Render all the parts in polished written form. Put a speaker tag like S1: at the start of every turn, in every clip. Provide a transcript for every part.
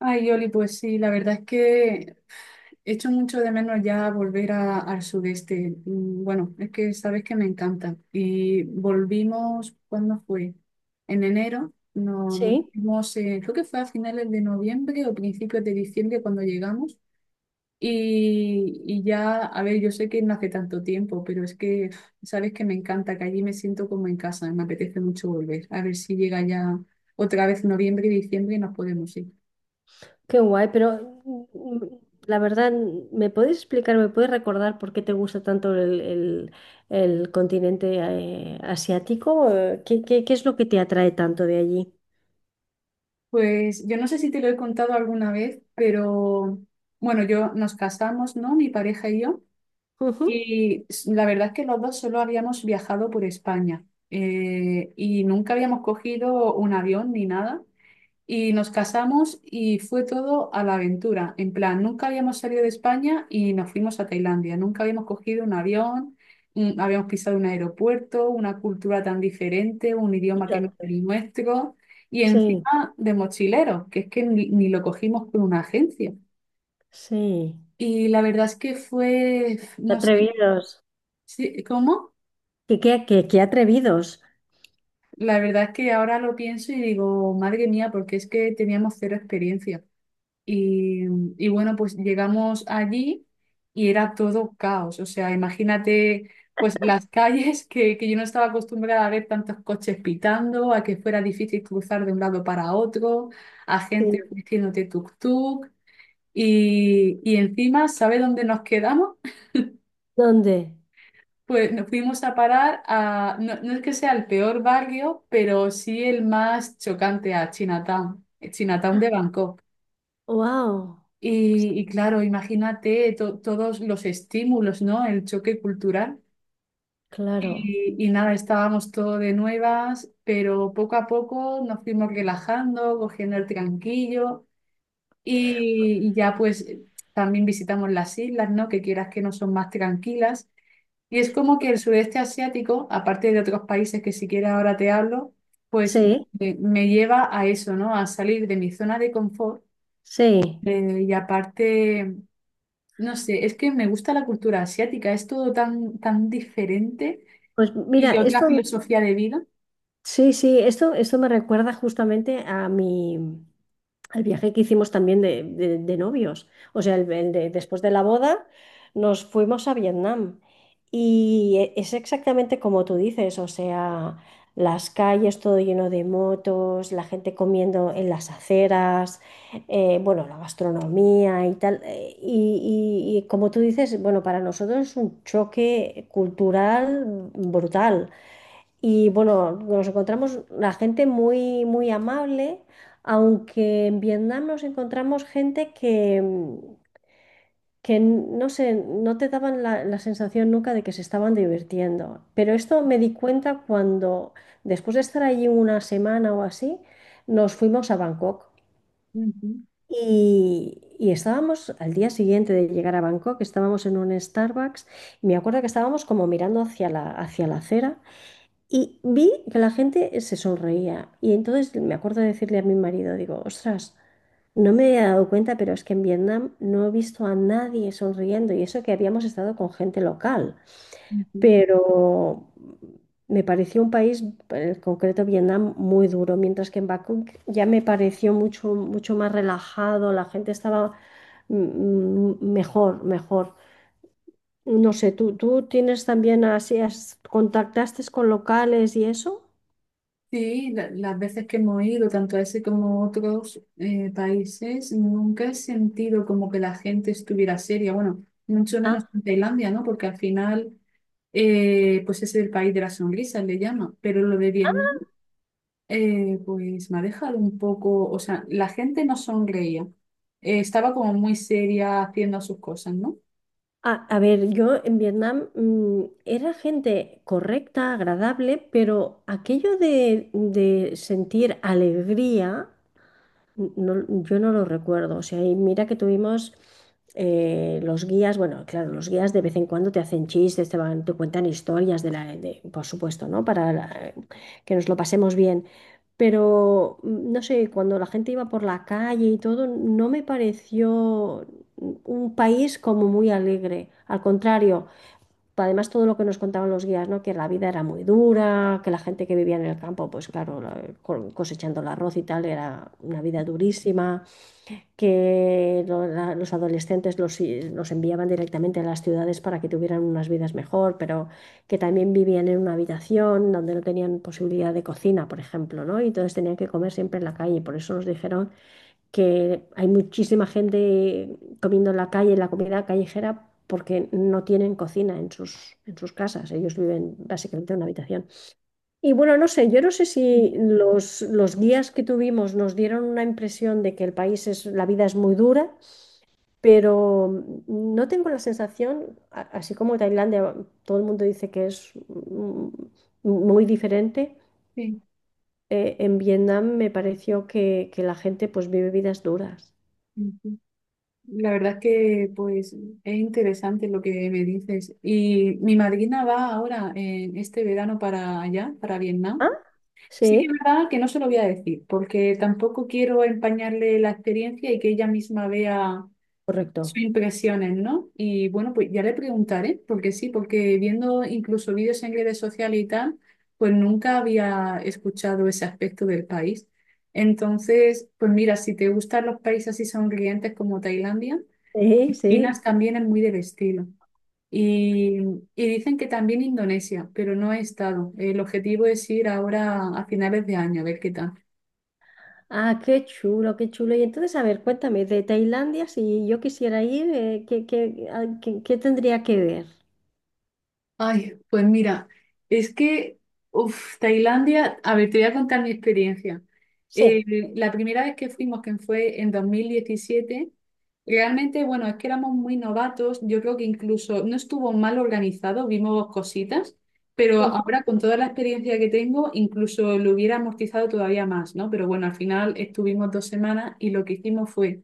S1: Ay, Oli, pues sí, la verdad es que echo mucho de menos ya volver al sudeste. Mm, bueno, es que sabes que me encanta. Y volvimos, ¿cuándo fue? En enero. No, nos
S2: Sí,
S1: fuimos, creo que fue a finales de noviembre o principios de diciembre cuando llegamos. Y ya, a ver, yo sé que no hace tanto tiempo, pero es que uf, sabes que me encanta, que allí me siento como en casa, me apetece mucho volver. A ver si llega ya otra vez noviembre y diciembre y nos podemos ir.
S2: qué guay. Pero la verdad, ¿me puedes explicar, me puedes recordar por qué te gusta tanto el continente asiático? ¿ qué es lo que te atrae tanto de allí?
S1: Pues yo no sé si te lo he contado alguna vez, pero bueno, yo nos casamos, ¿no? Mi pareja y yo.
S2: Ujú.
S1: Y la verdad es que los dos solo habíamos viajado por España y nunca habíamos cogido un avión ni nada. Y nos casamos y fue todo a la aventura. En plan, nunca habíamos salido de España y nos fuimos a Tailandia. Nunca habíamos cogido un avión, mm, habíamos pisado un aeropuerto, una cultura tan diferente, un
S2: Y
S1: idioma que no es
S2: tanto.
S1: el nuestro. Y
S2: Sí,
S1: encima de mochilero, que es que ni lo cogimos con una agencia.
S2: sí.
S1: Y la verdad es que fue,
S2: Qué
S1: no sé,
S2: atrevidos.
S1: sí, ¿cómo?
S2: Qué atrevidos?
S1: La verdad es que ahora lo pienso y digo, madre mía, porque es que teníamos cero experiencia. Y, y bueno, pues llegamos allí y era todo caos. O sea, imagínate pues las calles que yo no estaba acostumbrada a ver tantos coches pitando, a que fuera difícil cruzar de un lado para otro, a gente
S2: Sí.
S1: diciéndote tuk-tuk. Y encima, ¿sabe dónde nos quedamos?
S2: ¿Dónde?
S1: Pues nos fuimos a parar a, no, no es que sea el peor barrio, pero sí el más chocante a Chinatown, Chinatown de Bangkok.
S2: ¡Wow!
S1: Y claro, imagínate todos los estímulos, ¿no? El choque cultural.
S2: Claro.
S1: Y nada, estábamos todo de nuevas, pero poco a poco nos fuimos relajando, cogiendo el tranquillo y ya pues también visitamos las islas, ¿no? Que quieras que no son más tranquilas. Y es como que el sudeste asiático, aparte de otros países que siquiera ahora te hablo, pues
S2: Sí,
S1: me lleva a eso, ¿no? A salir de mi zona de confort
S2: sí.
S1: y aparte... No sé, es que me gusta la cultura asiática, es todo tan, tan diferente
S2: Pues mira,
S1: y otra
S2: esto.
S1: filosofía de vida.
S2: Sí, sí, esto me recuerda justamente a mi, al viaje que hicimos también de novios. O sea, después de la boda nos fuimos a Vietnam, y es exactamente como tú dices. O sea, las calles todo lleno de motos, la gente comiendo en las aceras, bueno, la gastronomía y tal. Y como tú dices, bueno, para nosotros es un choque cultural brutal. Y bueno, nos encontramos la gente muy, muy amable, aunque en Vietnam nos encontramos gente que, que no sé, no te daban la sensación nunca de que se estaban divirtiendo. Pero esto me di cuenta cuando, después de estar allí una semana o así, nos fuimos a Bangkok.
S1: Ujú,
S2: Y estábamos al día siguiente de llegar a Bangkok, estábamos en un Starbucks y me acuerdo que estábamos como mirando hacia hacia la acera y vi que la gente se sonreía. Y entonces me acuerdo de decirle a mi marido, digo, ostras, no me había dado cuenta, pero es que en Vietnam no he visto a nadie sonriendo. Y eso que habíamos estado con gente local.
S1: ujú.
S2: Pero me pareció un país, en concreto Vietnam, muy duro. Mientras que en Bangkok ya me pareció mucho, mucho más relajado. La gente estaba mejor, mejor. No sé, tú tienes también así, contactaste con locales y eso?
S1: Sí, las veces que hemos ido, tanto a ese como a otros países, nunca he sentido como que la gente estuviera seria. Bueno, mucho
S2: Ah.
S1: menos en Tailandia, ¿no? Porque al final, pues es el país de las sonrisas, le llama. Pero lo de Vietnam, pues me ha dejado un poco, o sea, la gente no sonreía. Estaba como muy seria haciendo sus cosas, ¿no?
S2: A ver, yo en Vietnam era gente correcta, agradable, pero aquello de sentir alegría no, yo no lo recuerdo. O sea, y mira que tuvimos los guías, bueno, claro, los guías de vez en cuando te hacen chistes, te van, te cuentan historias de la, por supuesto, ¿no? Para que nos lo pasemos bien. Pero no sé, cuando la gente iba por la calle y todo, no me pareció un país como muy alegre. Al contrario. Además, todo lo que nos contaban los guías, ¿no? Que la vida era muy dura, que la gente que vivía en el campo, pues claro, cosechando el arroz y tal, era una vida durísima, que los adolescentes los enviaban directamente a las ciudades para que tuvieran unas vidas mejor, pero que también vivían en una habitación donde no tenían posibilidad de cocina, por ejemplo, ¿no? Y entonces tenían que comer siempre en la calle. Por eso nos dijeron que hay muchísima gente comiendo en la calle, en la comida callejera, porque no tienen cocina en en sus casas. Ellos viven básicamente en una habitación. Y bueno, no sé, yo no sé si los guías que tuvimos nos dieron una impresión de que el país es, la vida es muy dura, pero no tengo la sensación, así como Tailandia, todo el mundo dice que es muy diferente.
S1: Sí,
S2: En Vietnam me pareció que la gente pues vive vidas duras.
S1: ujú. La verdad que pues es interesante lo que me dices. Y mi madrina va ahora en este verano para allá, para Vietnam.
S2: ¿Ah?
S1: Sí que es
S2: Sí.
S1: verdad que no se lo voy a decir, porque tampoco quiero empañarle la experiencia y que ella misma vea sus
S2: Correcto.
S1: impresiones, ¿no? Y bueno, pues ya le preguntaré, porque sí, porque viendo incluso vídeos en redes sociales y tal, pues nunca había escuchado ese aspecto del país. Entonces, pues mira, si te gustan los países así sonrientes como Tailandia,
S2: Sí, sí.
S1: Filipinas también es muy del estilo. Y, y dicen que también Indonesia, pero no he estado. El objetivo es ir ahora a finales de año, a ver qué tal.
S2: Ah, qué chulo, qué chulo. Y entonces, a ver, cuéntame, de Tailandia, si yo quisiera ir, ¿ qué tendría que ver?
S1: Ay, pues mira, es que, uf, Tailandia, a ver, te voy a contar mi experiencia. Eh,
S2: Sí,
S1: la primera vez que fuimos, que fue en 2017, realmente, bueno, es que éramos muy novatos, yo creo que incluso no estuvo mal organizado, vimos cositas, pero
S2: ujú,
S1: ahora con toda la experiencia que tengo, incluso lo hubiera amortizado todavía más, ¿no? Pero bueno, al final estuvimos dos semanas y lo que hicimos fue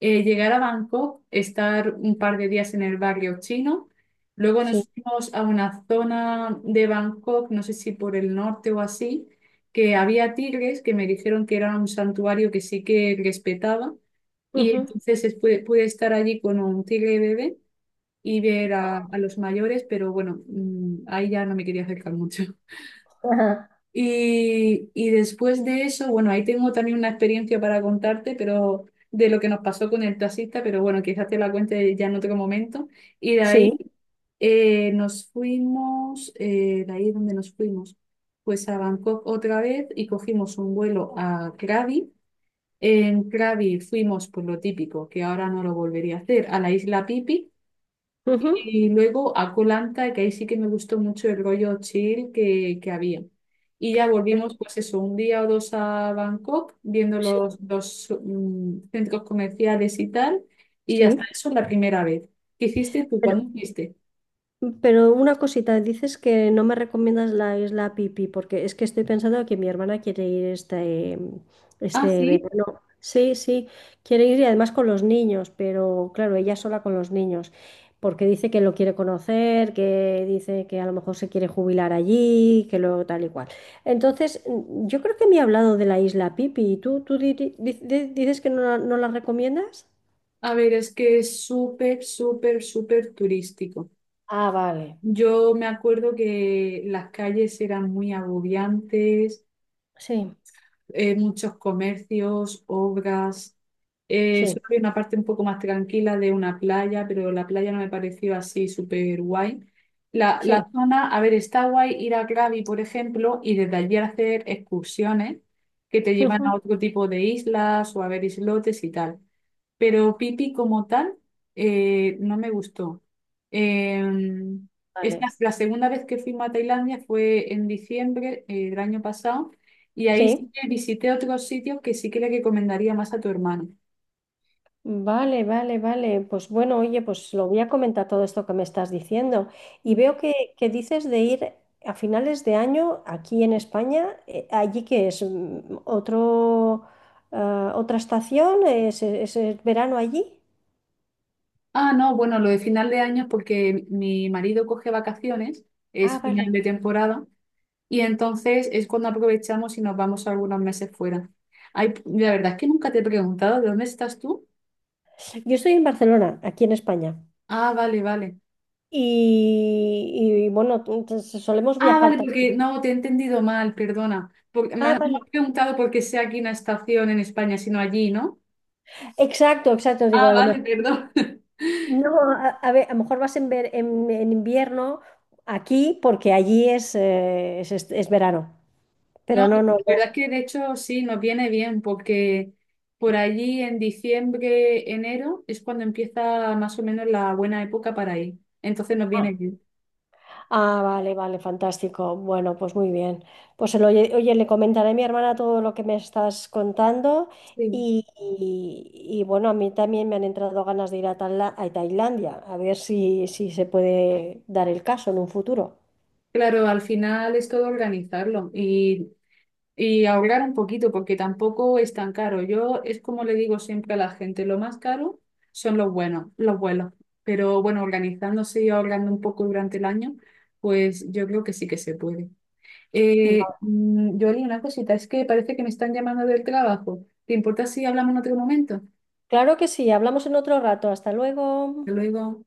S1: llegar a Bangkok, estar un par de días en el barrio chino. Luego
S2: sí,
S1: nos fuimos a una zona de Bangkok, no sé si por el norte o así, que había tigres que me dijeron que era un santuario que sí que respetaba. Y
S2: ujú,
S1: entonces pude, pude estar allí con un tigre bebé y ver a los mayores, pero bueno, mm, ahí ya no me quería acercar mucho.
S2: ajá.
S1: Y después de eso, bueno, ahí tengo también una experiencia para contarte, pero de lo que nos pasó con el taxista, pero bueno, quizás te la cuente ya en otro momento. Y de
S2: Sí,
S1: ahí nos fuimos, de ahí donde nos fuimos, pues a Bangkok otra vez y cogimos un vuelo a Krabi. En Krabi fuimos, pues lo típico, que ahora no lo volvería a hacer, a la isla Pipi
S2: ujú,
S1: y luego a Koh Lanta, que ahí sí que me gustó mucho el rollo chill que había. Y ya volvimos, pues eso, un día o dos a Bangkok, viendo
S2: sí.
S1: los mm, centros comerciales y tal. Y ya está,
S2: Sí.
S1: eso la primera vez. ¿Qué hiciste tú? ¿Cuándo fuiste?
S2: Pero una cosita, dices que no me recomiendas la isla Pipi, porque es que estoy pensando que mi hermana quiere ir este,
S1: Ah,
S2: este
S1: sí.
S2: verano. Sí, sí, quiere ir y además con los niños, pero claro, ella sola con los niños, porque dice que lo quiere conocer, que dice que a lo mejor se quiere jubilar allí, que luego tal y cual. Entonces, yo creo que me ha hablado de la isla Pipi. Y tú dices que no, no la recomiendas?
S1: A ver, es que es súper, súper, súper turístico.
S2: Ah, vale.
S1: Yo me acuerdo que las calles eran muy agobiantes.
S2: Sí,
S1: Eh, muchos comercios, obras.
S2: sí,
S1: Solo había una parte un poco más tranquila de una playa, pero la playa no me pareció así súper guay. La,
S2: sí.
S1: la zona, a ver, está guay ir a Krabi, por ejemplo, y desde allí hacer excursiones que te llevan a otro tipo de islas o a ver islotes y tal, pero Pipi como tal no me gustó. Eh, esta,
S2: Vale.
S1: la segunda vez que fuimos a Tailandia fue en diciembre del año pasado y ahí
S2: Sí.
S1: sí que visité otros sitios que sí que le recomendaría más a tu hermano.
S2: Vale, vale, vale. Pues bueno, oye, pues lo voy a comentar todo esto que me estás diciendo. Y
S1: Mm.
S2: veo que dices de ir a finales de año aquí en España, allí que es mm, otro, ah, otra estación, es verano allí.
S1: Ah, no, bueno, lo de final de año es porque mi marido coge vacaciones,
S2: Ah,
S1: es
S2: vale.
S1: final de temporada, y entonces es cuando aprovechamos y nos vamos algunos meses fuera. Ay, la verdad es que nunca te he preguntado, ¿de dónde estás tú?
S2: Yo estoy en Barcelona, aquí en España.
S1: Ah, vale, vale.
S2: Y, bueno, solemos
S1: Ah,
S2: viajar
S1: vale, porque
S2: también.
S1: no, te he entendido mal, perdona. Me,
S2: Ah,
S1: has, me
S2: vale.
S1: has preguntado por qué sea aquí una estación en España, sino allí, ¿no?
S2: Exacto, exacto. Digo,
S1: Ah,
S2: a lo
S1: vale,
S2: mejor.
S1: perdón.
S2: No, a ver, a lo mejor vas en, en invierno aquí porque allí es, es verano, pero
S1: No, la
S2: no, no, ya.
S1: verdad es que de hecho sí, nos viene bien porque por allí en diciembre, enero es cuando empieza más o menos la buena época para ir. Entonces nos viene
S2: Ah,
S1: bien.
S2: ah, vale, vale, fantástico. Bueno, pues muy bien. Oye, le comentaré a mi hermana todo lo que me estás contando
S1: Sí.
S2: y, y, bueno, a mí también me han entrado ganas de ir a, a Tailandia, a ver si, si se puede dar el caso en un futuro.
S1: Claro, al final es todo organizarlo y ahorrar un poquito, porque tampoco es tan caro. Yo es como le digo siempre a la gente, lo más caro son los buenos, los vuelos. Pero bueno, organizándose y ahorrando un poco durante el año, pues yo creo que sí que se puede.
S2: Va.
S1: Yoli, una cosita, es que parece que me están llamando del trabajo. ¿Te importa si hablamos en otro momento?
S2: Claro que sí, hablamos en otro rato. Hasta luego.
S1: Hasta luego.